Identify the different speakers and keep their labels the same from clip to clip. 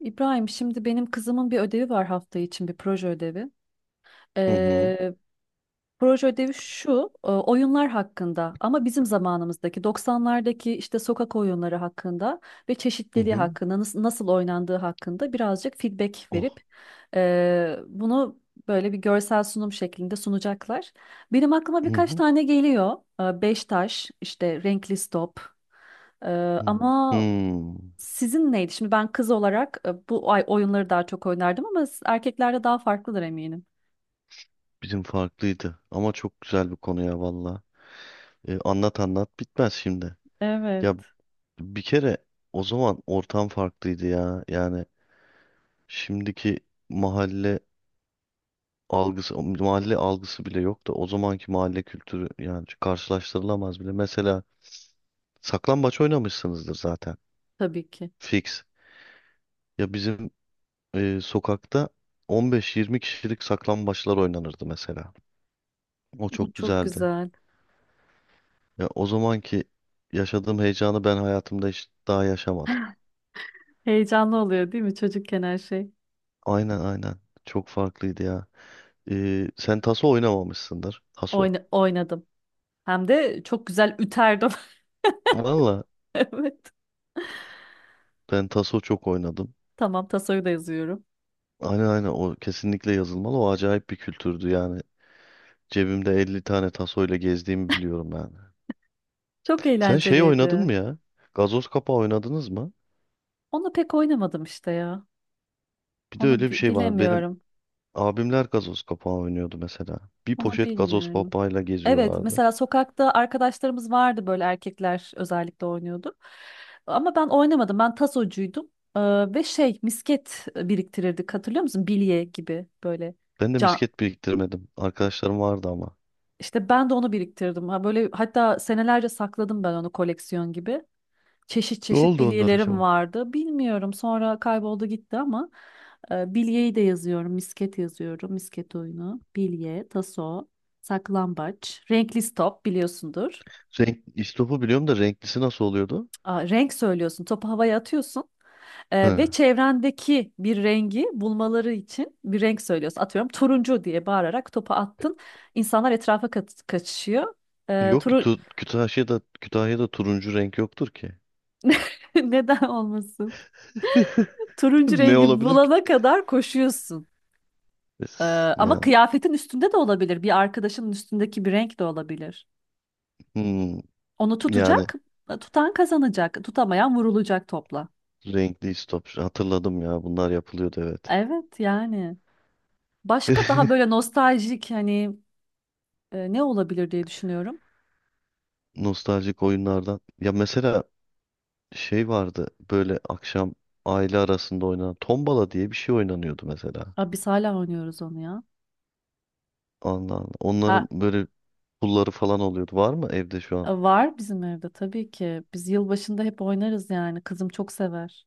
Speaker 1: İbrahim, şimdi benim kızımın bir ödevi var hafta için bir proje ödevi.
Speaker 2: Hı hı.
Speaker 1: Ee, Proje ödevi şu, oyunlar hakkında ama bizim zamanımızdaki 90'lardaki işte sokak oyunları hakkında ve
Speaker 2: Hı
Speaker 1: çeşitliliği
Speaker 2: hı.
Speaker 1: hakkında nasıl oynandığı hakkında birazcık feedback
Speaker 2: Oh.
Speaker 1: verip bunu böyle bir görsel sunum şeklinde sunacaklar. Benim aklıma
Speaker 2: Hı
Speaker 1: birkaç
Speaker 2: hı.
Speaker 1: tane geliyor. Beş taş, işte renkli stop. E,
Speaker 2: Hı.
Speaker 1: Ama
Speaker 2: Hmm.
Speaker 1: sizin neydi? Şimdi ben kız olarak bu ay oyunları daha çok oynardım ama erkeklerde daha farklıdır eminim.
Speaker 2: Bizim farklıydı ama çok güzel bir konu ya valla. Anlat anlat bitmez şimdi. Ya
Speaker 1: Evet.
Speaker 2: bir kere o zaman ortam farklıydı ya. Yani şimdiki mahalle algısı, mahalle algısı bile yok da o zamanki mahalle kültürü yani karşılaştırılamaz bile. Mesela saklambaç oynamışsınızdır zaten.
Speaker 1: Tabii ki.
Speaker 2: Fix. Ya bizim sokakta 15-20 kişilik saklambaçlar oynanırdı mesela. O
Speaker 1: Bu
Speaker 2: çok
Speaker 1: çok
Speaker 2: güzeldi.
Speaker 1: güzel.
Speaker 2: Ya o zamanki yaşadığım heyecanı ben hayatımda hiç daha yaşamadım.
Speaker 1: Heyecanlı oluyor değil mi çocukken her şey?
Speaker 2: Aynen aynen. Çok farklıydı ya. Sen taso oynamamışsındır. Taso.
Speaker 1: Oynadım. Hem de çok güzel üterdim.
Speaker 2: Valla
Speaker 1: Evet.
Speaker 2: ben taso çok oynadım.
Speaker 1: Tamam tasoyu da yazıyorum.
Speaker 2: Aynen aynen, o kesinlikle yazılmalı. O acayip bir kültürdü yani. Cebimde 50 tane taso ile gezdiğimi biliyorum yani.
Speaker 1: Çok
Speaker 2: Sen şey oynadın
Speaker 1: eğlenceliydi.
Speaker 2: mı ya? Gazoz kapağı oynadınız mı?
Speaker 1: Onu pek oynamadım işte ya.
Speaker 2: Bir de
Speaker 1: Onu
Speaker 2: öyle bir şey var. Benim
Speaker 1: bilemiyorum.
Speaker 2: abimler gazoz kapağı oynuyordu mesela. Bir
Speaker 1: Onu
Speaker 2: poşet gazoz
Speaker 1: bilmiyorum.
Speaker 2: papağıyla
Speaker 1: Evet,
Speaker 2: geziyorlardı.
Speaker 1: mesela sokakta arkadaşlarımız vardı böyle erkekler özellikle oynuyordu. Ama ben oynamadım. Ben tasocuydum. Ee, Ve şey misket biriktirirdik hatırlıyor musun? Bilye gibi böyle
Speaker 2: Ben de
Speaker 1: can.
Speaker 2: misket biriktirmedim. Arkadaşlarım vardı ama.
Speaker 1: İşte ben de onu biriktirdim. Ha, böyle hatta senelerce sakladım ben onu koleksiyon gibi. Çeşit
Speaker 2: Ne
Speaker 1: çeşit
Speaker 2: oldu onlar
Speaker 1: bilyelerim
Speaker 2: acaba?
Speaker 1: vardı. Bilmiyorum sonra kayboldu gitti ama bilyeyi de yazıyorum. Misket yazıyorum. Misket oyunu, bilye, taso, saklambaç, renkli stop biliyorsundur.
Speaker 2: Renk, istopu biliyorum da renklisi nasıl oluyordu?
Speaker 1: Aa, renk söylüyorsun, topu havaya atıyorsun,
Speaker 2: He.
Speaker 1: ve çevrendeki bir rengi bulmaları için bir renk söylüyorsun. Atıyorum turuncu diye bağırarak topu attın. İnsanlar etrafa kaçışıyor. E,
Speaker 2: Yok ki
Speaker 1: turu
Speaker 2: Kütahya'da, Kütahya'da turuncu renk yoktur ki.
Speaker 1: Neden olmasın? Turuncu
Speaker 2: Ne
Speaker 1: rengi
Speaker 2: olabilir ki?
Speaker 1: bulana kadar koşuyorsun. E, Ama
Speaker 2: Ya,
Speaker 1: kıyafetin üstünde de olabilir, bir arkadaşının üstündeki bir renk de olabilir.
Speaker 2: hmm,
Speaker 1: Onu
Speaker 2: yani
Speaker 1: tutacak, tutan kazanacak, tutamayan vurulacak topla.
Speaker 2: renkli istop. Hatırladım ya, bunlar yapılıyordu evet.
Speaker 1: Evet yani. Başka daha böyle nostaljik hani, ne olabilir diye düşünüyorum.
Speaker 2: Nostaljik oyunlardan. Ya mesela şey vardı, böyle akşam aile arasında oynanan tombala diye bir şey oynanıyordu mesela.
Speaker 1: Aa, biz hala oynuyoruz onu ya.
Speaker 2: Allah Allah.
Speaker 1: Ha,
Speaker 2: Onların böyle pulları falan oluyordu. Var mı evde şu an?
Speaker 1: var bizim evde tabii ki. Biz yılbaşında hep oynarız yani. Kızım çok sever.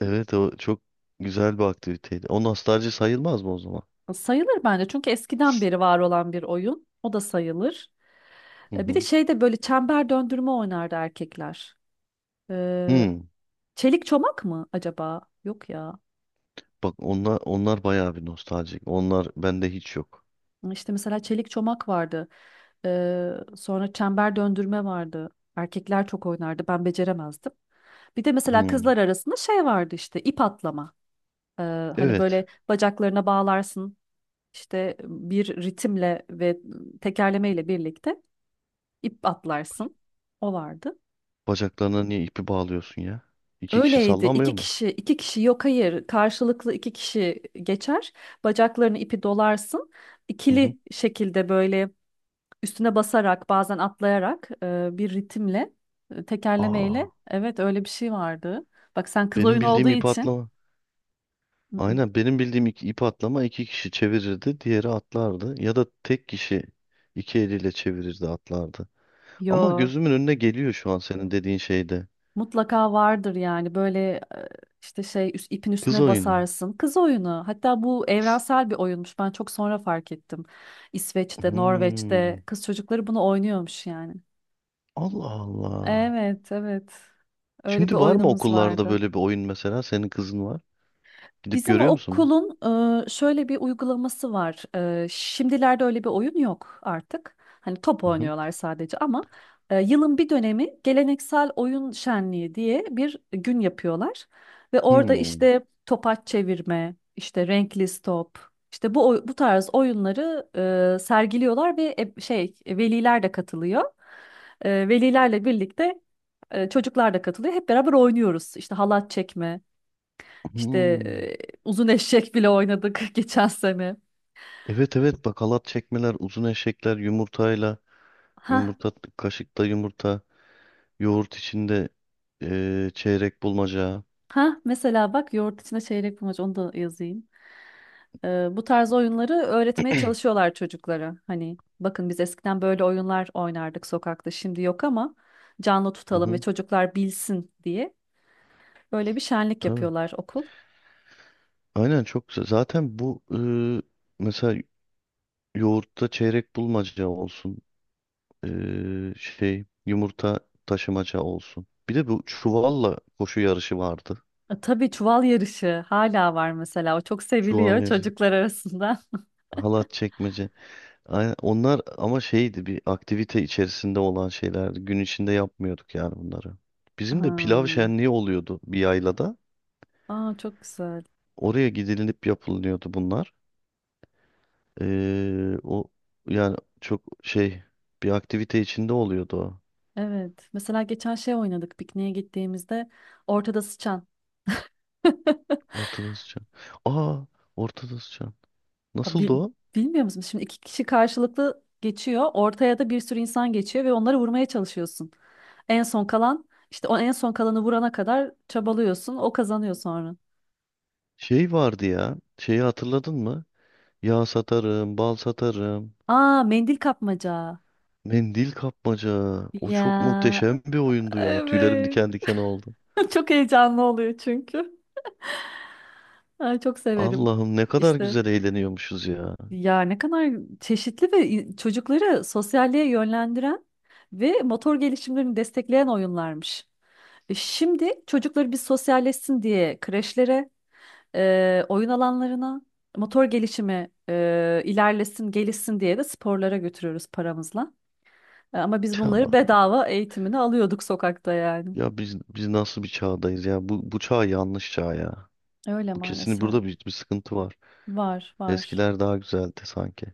Speaker 2: Evet, o çok güzel bir aktiviteydi. O nostalji sayılmaz mı o zaman?
Speaker 1: Sayılır bence çünkü eskiden beri var olan bir oyun. O da sayılır.
Speaker 2: Hı
Speaker 1: Bir de
Speaker 2: hı.
Speaker 1: şeyde böyle çember döndürme oynardı erkekler. E,
Speaker 2: Hmm.
Speaker 1: Çelik çomak mı acaba? Yok ya.
Speaker 2: Bak onlar bayağı bir nostaljik. Onlar bende hiç yok.
Speaker 1: İşte mesela çelik çomak vardı. Ee, Sonra çember döndürme vardı. Erkekler çok oynardı. Ben beceremezdim. Bir de mesela
Speaker 2: Hmm.
Speaker 1: kızlar arasında şey vardı işte ip atlama. Ee, Hani
Speaker 2: Evet.
Speaker 1: böyle bacaklarına bağlarsın. İşte bir ritimle ve tekerlemeyle birlikte ip atlarsın. O vardı.
Speaker 2: Bacaklarına niye ipi bağlıyorsun ya? İki kişi
Speaker 1: Öyleydi.
Speaker 2: sallamıyor
Speaker 1: İki
Speaker 2: mu?
Speaker 1: kişi, iki kişi yok hayır. Karşılıklı iki kişi geçer. Bacaklarını ipi dolarsın.
Speaker 2: Hı hı.
Speaker 1: İkili şekilde böyle üstüne basarak bazen atlayarak bir ritimle,
Speaker 2: Aa,
Speaker 1: tekerlemeyle, evet, öyle bir şey vardı. Bak sen kız
Speaker 2: benim
Speaker 1: oyunu olduğu
Speaker 2: bildiğim ip
Speaker 1: için.
Speaker 2: atlama.
Speaker 1: Mm-mm.
Speaker 2: Aynen, benim bildiğim ip atlama, iki kişi çevirirdi, diğeri atlardı. Ya da tek kişi iki eliyle çevirirdi, atlardı. Ama
Speaker 1: Yo,
Speaker 2: gözümün önüne geliyor şu an senin dediğin şeyde.
Speaker 1: mutlaka vardır yani böyle, e, işte şey ipin
Speaker 2: Kız
Speaker 1: üstüne
Speaker 2: oyunu.
Speaker 1: basarsın. Kız oyunu, hatta bu evrensel bir oyunmuş, ben çok sonra fark ettim. İsveç'te,
Speaker 2: Hmm.
Speaker 1: Norveç'te kız çocukları bunu oynuyormuş yani.
Speaker 2: Allah Allah.
Speaker 1: Evet, evet, öyle bir
Speaker 2: Şimdi var mı
Speaker 1: oyunumuz
Speaker 2: okullarda
Speaker 1: vardı.
Speaker 2: böyle bir oyun mesela? Senin kızın var. Gidip
Speaker 1: Bizim
Speaker 2: görüyor musun bunu?
Speaker 1: okulun şöyle bir uygulaması var. Şimdilerde öyle bir oyun yok artık. Hani top
Speaker 2: Hı hı.
Speaker 1: oynuyorlar sadece ama yılın bir dönemi geleneksel oyun şenliği diye bir gün yapıyorlar. Ve orada
Speaker 2: Hmm.
Speaker 1: işte topaç çevirme, işte renkli top, işte bu bu tarz oyunları sergiliyorlar ve şey veliler de katılıyor. Velilerle birlikte çocuklar da katılıyor. Hep beraber oynuyoruz. İşte halat çekme. İşte,
Speaker 2: Hmm.
Speaker 1: e, uzun eşek bile oynadık geçen sene.
Speaker 2: Evet evet, bakalat çekmeler, uzun eşekler, yumurtayla,
Speaker 1: Ha,
Speaker 2: yumurta, kaşıkta yumurta, yoğurt içinde çeyrek bulmaca.
Speaker 1: ha, mesela bak yoğurt içine çeyrek bulmaca onu da yazayım. Bu tarz oyunları öğretmeye çalışıyorlar çocuklara. Hani bakın biz eskiden böyle oyunlar oynardık sokakta şimdi yok ama canlı
Speaker 2: Hı
Speaker 1: tutalım ve
Speaker 2: hı.
Speaker 1: çocuklar bilsin diye böyle bir şenlik
Speaker 2: Tabii.
Speaker 1: yapıyorlar okul.
Speaker 2: Aynen, çok güzel. Zaten bu mesela yoğurtta çeyrek bulmaca olsun. Şey, yumurta taşımaca olsun. Bir de bu çuvalla koşu yarışı vardı.
Speaker 1: Tabii çuval yarışı hala var mesela, o çok
Speaker 2: Çuval
Speaker 1: seviliyor
Speaker 2: yarışı,
Speaker 1: çocuklar arasında.
Speaker 2: halat çekmece. Aynen, onlar ama şeydi, bir aktivite içerisinde olan şeylerdi. Gün içinde yapmıyorduk yani bunları. Bizim de pilav
Speaker 1: Hmm.
Speaker 2: şenliği oluyordu bir yaylada.
Speaker 1: Aa, çok güzel.
Speaker 2: Oraya gidilip yapılıyordu bunlar. O yani çok şey, bir aktivite içinde oluyordu o.
Speaker 1: Evet. Mesela geçen şey oynadık pikniğe gittiğimizde, ortada sıçan.
Speaker 2: Ortada sıçan. Aa, ortada sıçan.
Speaker 1: Aa,
Speaker 2: Nasıldı o?
Speaker 1: bilmiyor musun? Şimdi iki kişi karşılıklı geçiyor. Ortaya da bir sürü insan geçiyor ve onları vurmaya çalışıyorsun. En son kalan işte, o en son kalanı vurana kadar çabalıyorsun. O kazanıyor sonra.
Speaker 2: Şey vardı ya. Şeyi hatırladın mı? Yağ satarım, bal satarım.
Speaker 1: Aa, mendil kapmaca.
Speaker 2: Mendil kapmaca. O çok
Speaker 1: Ya,
Speaker 2: muhteşem bir oyundu ya. Tüylerim
Speaker 1: evet.
Speaker 2: diken diken oldu.
Speaker 1: Çok heyecanlı oluyor çünkü. Ay, çok severim.
Speaker 2: Allah'ım, ne kadar
Speaker 1: İşte,
Speaker 2: güzel eğleniyormuşuz ya.
Speaker 1: ya ne kadar çeşitli ve çocukları sosyalliğe yönlendiren ve motor gelişimlerini destekleyen oyunlarmış. Şimdi çocukları bir sosyalleşsin diye kreşlere, oyun alanlarına, motor gelişimi ilerlesin, gelişsin diye de sporlara götürüyoruz paramızla. Ama biz
Speaker 2: Tüh,
Speaker 1: bunları
Speaker 2: Allah'ım.
Speaker 1: bedava eğitimini alıyorduk sokakta yani.
Speaker 2: Ya biz nasıl bir çağdayız ya? Bu çağ yanlış çağ ya.
Speaker 1: Öyle
Speaker 2: Bu kesin,
Speaker 1: maalesef.
Speaker 2: burada bir sıkıntı var.
Speaker 1: Var, var.
Speaker 2: Eskiler daha güzeldi sanki.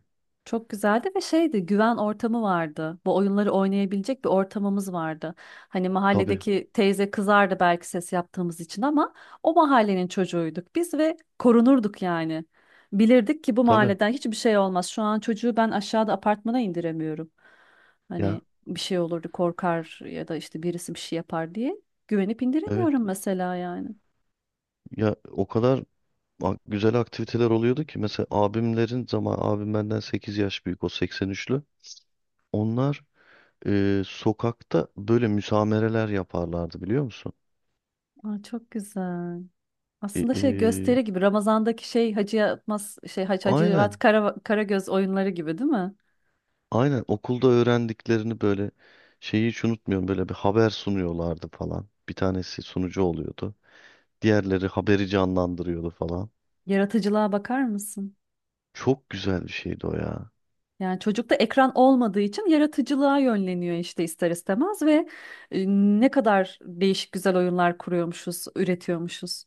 Speaker 1: Çok güzeldi ve şeydi, güven ortamı vardı. Bu oyunları oynayabilecek bir ortamımız vardı. Hani
Speaker 2: Tabii.
Speaker 1: mahalledeki teyze kızardı belki ses yaptığımız için ama o mahallenin çocuğuyduk biz ve korunurduk yani. Bilirdik ki bu
Speaker 2: Tabii.
Speaker 1: mahalleden hiçbir şey olmaz. Şu an çocuğu ben aşağıda apartmana indiremiyorum. Hani
Speaker 2: Ya
Speaker 1: bir şey olurdu korkar ya da işte birisi bir şey yapar diye güvenip
Speaker 2: evet.
Speaker 1: indiremiyorum mesela yani.
Speaker 2: Ya o kadar güzel aktiviteler oluyordu ki mesela abim benden 8 yaş büyük, o 83'lü. Onlar sokakta böyle müsamereler yaparlardı, biliyor musun?
Speaker 1: Aa, çok güzel.
Speaker 2: E,
Speaker 1: Aslında şey
Speaker 2: e,
Speaker 1: gösteri gibi, Ramazan'daki şey Hacı Yatmaz, şey Hacivat
Speaker 2: aynen.
Speaker 1: Kara, Karagöz oyunları gibi değil mi?
Speaker 2: Aynen, okulda öğrendiklerini böyle, şeyi hiç unutmuyorum, böyle bir haber sunuyorlardı falan. Bir tanesi sunucu oluyordu. Diğerleri haberi canlandırıyordu falan.
Speaker 1: Yaratıcılığa bakar mısın?
Speaker 2: Çok güzel bir şeydi o ya.
Speaker 1: Yani çocukta ekran olmadığı için yaratıcılığa yönleniyor işte ister istemez ve ne kadar değişik güzel oyunlar kuruyormuşuz, üretiyormuşuz.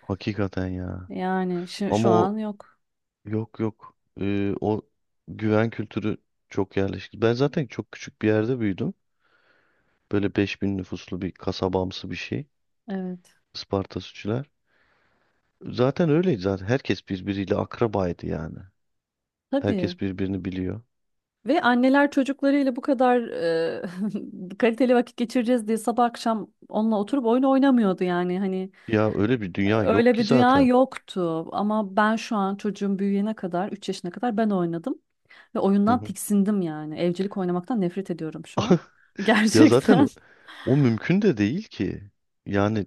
Speaker 2: Hakikaten ya.
Speaker 1: Yani
Speaker 2: Ama
Speaker 1: şu an
Speaker 2: o
Speaker 1: yok.
Speaker 2: yok yok. O güven kültürü çok yerleşti. Ben zaten çok küçük bir yerde büyüdüm. Böyle 5.000 nüfuslu bir kasabamsı bir şey.
Speaker 1: Evet.
Speaker 2: Isparta Sütçüler. Zaten öyleydi zaten. Herkes birbiriyle akrabaydı yani.
Speaker 1: Tabii.
Speaker 2: Herkes birbirini biliyor.
Speaker 1: Ve anneler çocuklarıyla bu kadar kaliteli vakit geçireceğiz diye sabah akşam onunla oturup oyun oynamıyordu yani, hani.
Speaker 2: Ya öyle bir dünya yok
Speaker 1: Öyle
Speaker 2: ki
Speaker 1: bir dünya
Speaker 2: zaten.
Speaker 1: yoktu ama ben şu an çocuğum büyüyene kadar 3 yaşına kadar ben oynadım ve
Speaker 2: Hı
Speaker 1: oyundan
Speaker 2: hı.
Speaker 1: tiksindim yani. Evcilik oynamaktan nefret ediyorum şu an.
Speaker 2: Ya zaten
Speaker 1: Gerçekten.
Speaker 2: o mümkün de değil ki. Yani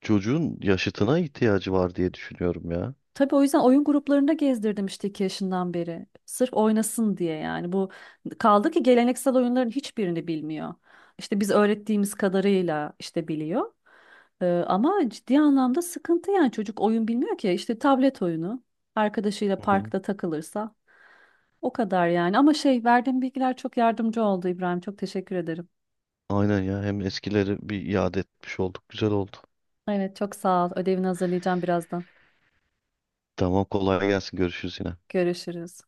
Speaker 2: çocuğun yaşıtına ihtiyacı var diye düşünüyorum ya.
Speaker 1: Tabii o yüzden oyun gruplarında gezdirdim işte 2 yaşından beri. Sırf oynasın diye yani. Bu kaldı ki geleneksel oyunların hiçbirini bilmiyor. İşte biz öğrettiğimiz kadarıyla işte biliyor. Ama ciddi anlamda sıkıntı yani, çocuk oyun bilmiyor ki. İşte tablet oyunu, arkadaşıyla
Speaker 2: Hı hı.
Speaker 1: parkta takılırsa. O kadar yani. Ama şey, verdiğim bilgiler çok yardımcı oldu İbrahim. Çok teşekkür ederim.
Speaker 2: Aynen ya. Hem eskileri bir iade etmiş olduk. Güzel oldu.
Speaker 1: Evet, çok sağ ol. Ödevini hazırlayacağım birazdan.
Speaker 2: Tamam, kolay gelsin. Görüşürüz yine.
Speaker 1: Görüşürüz.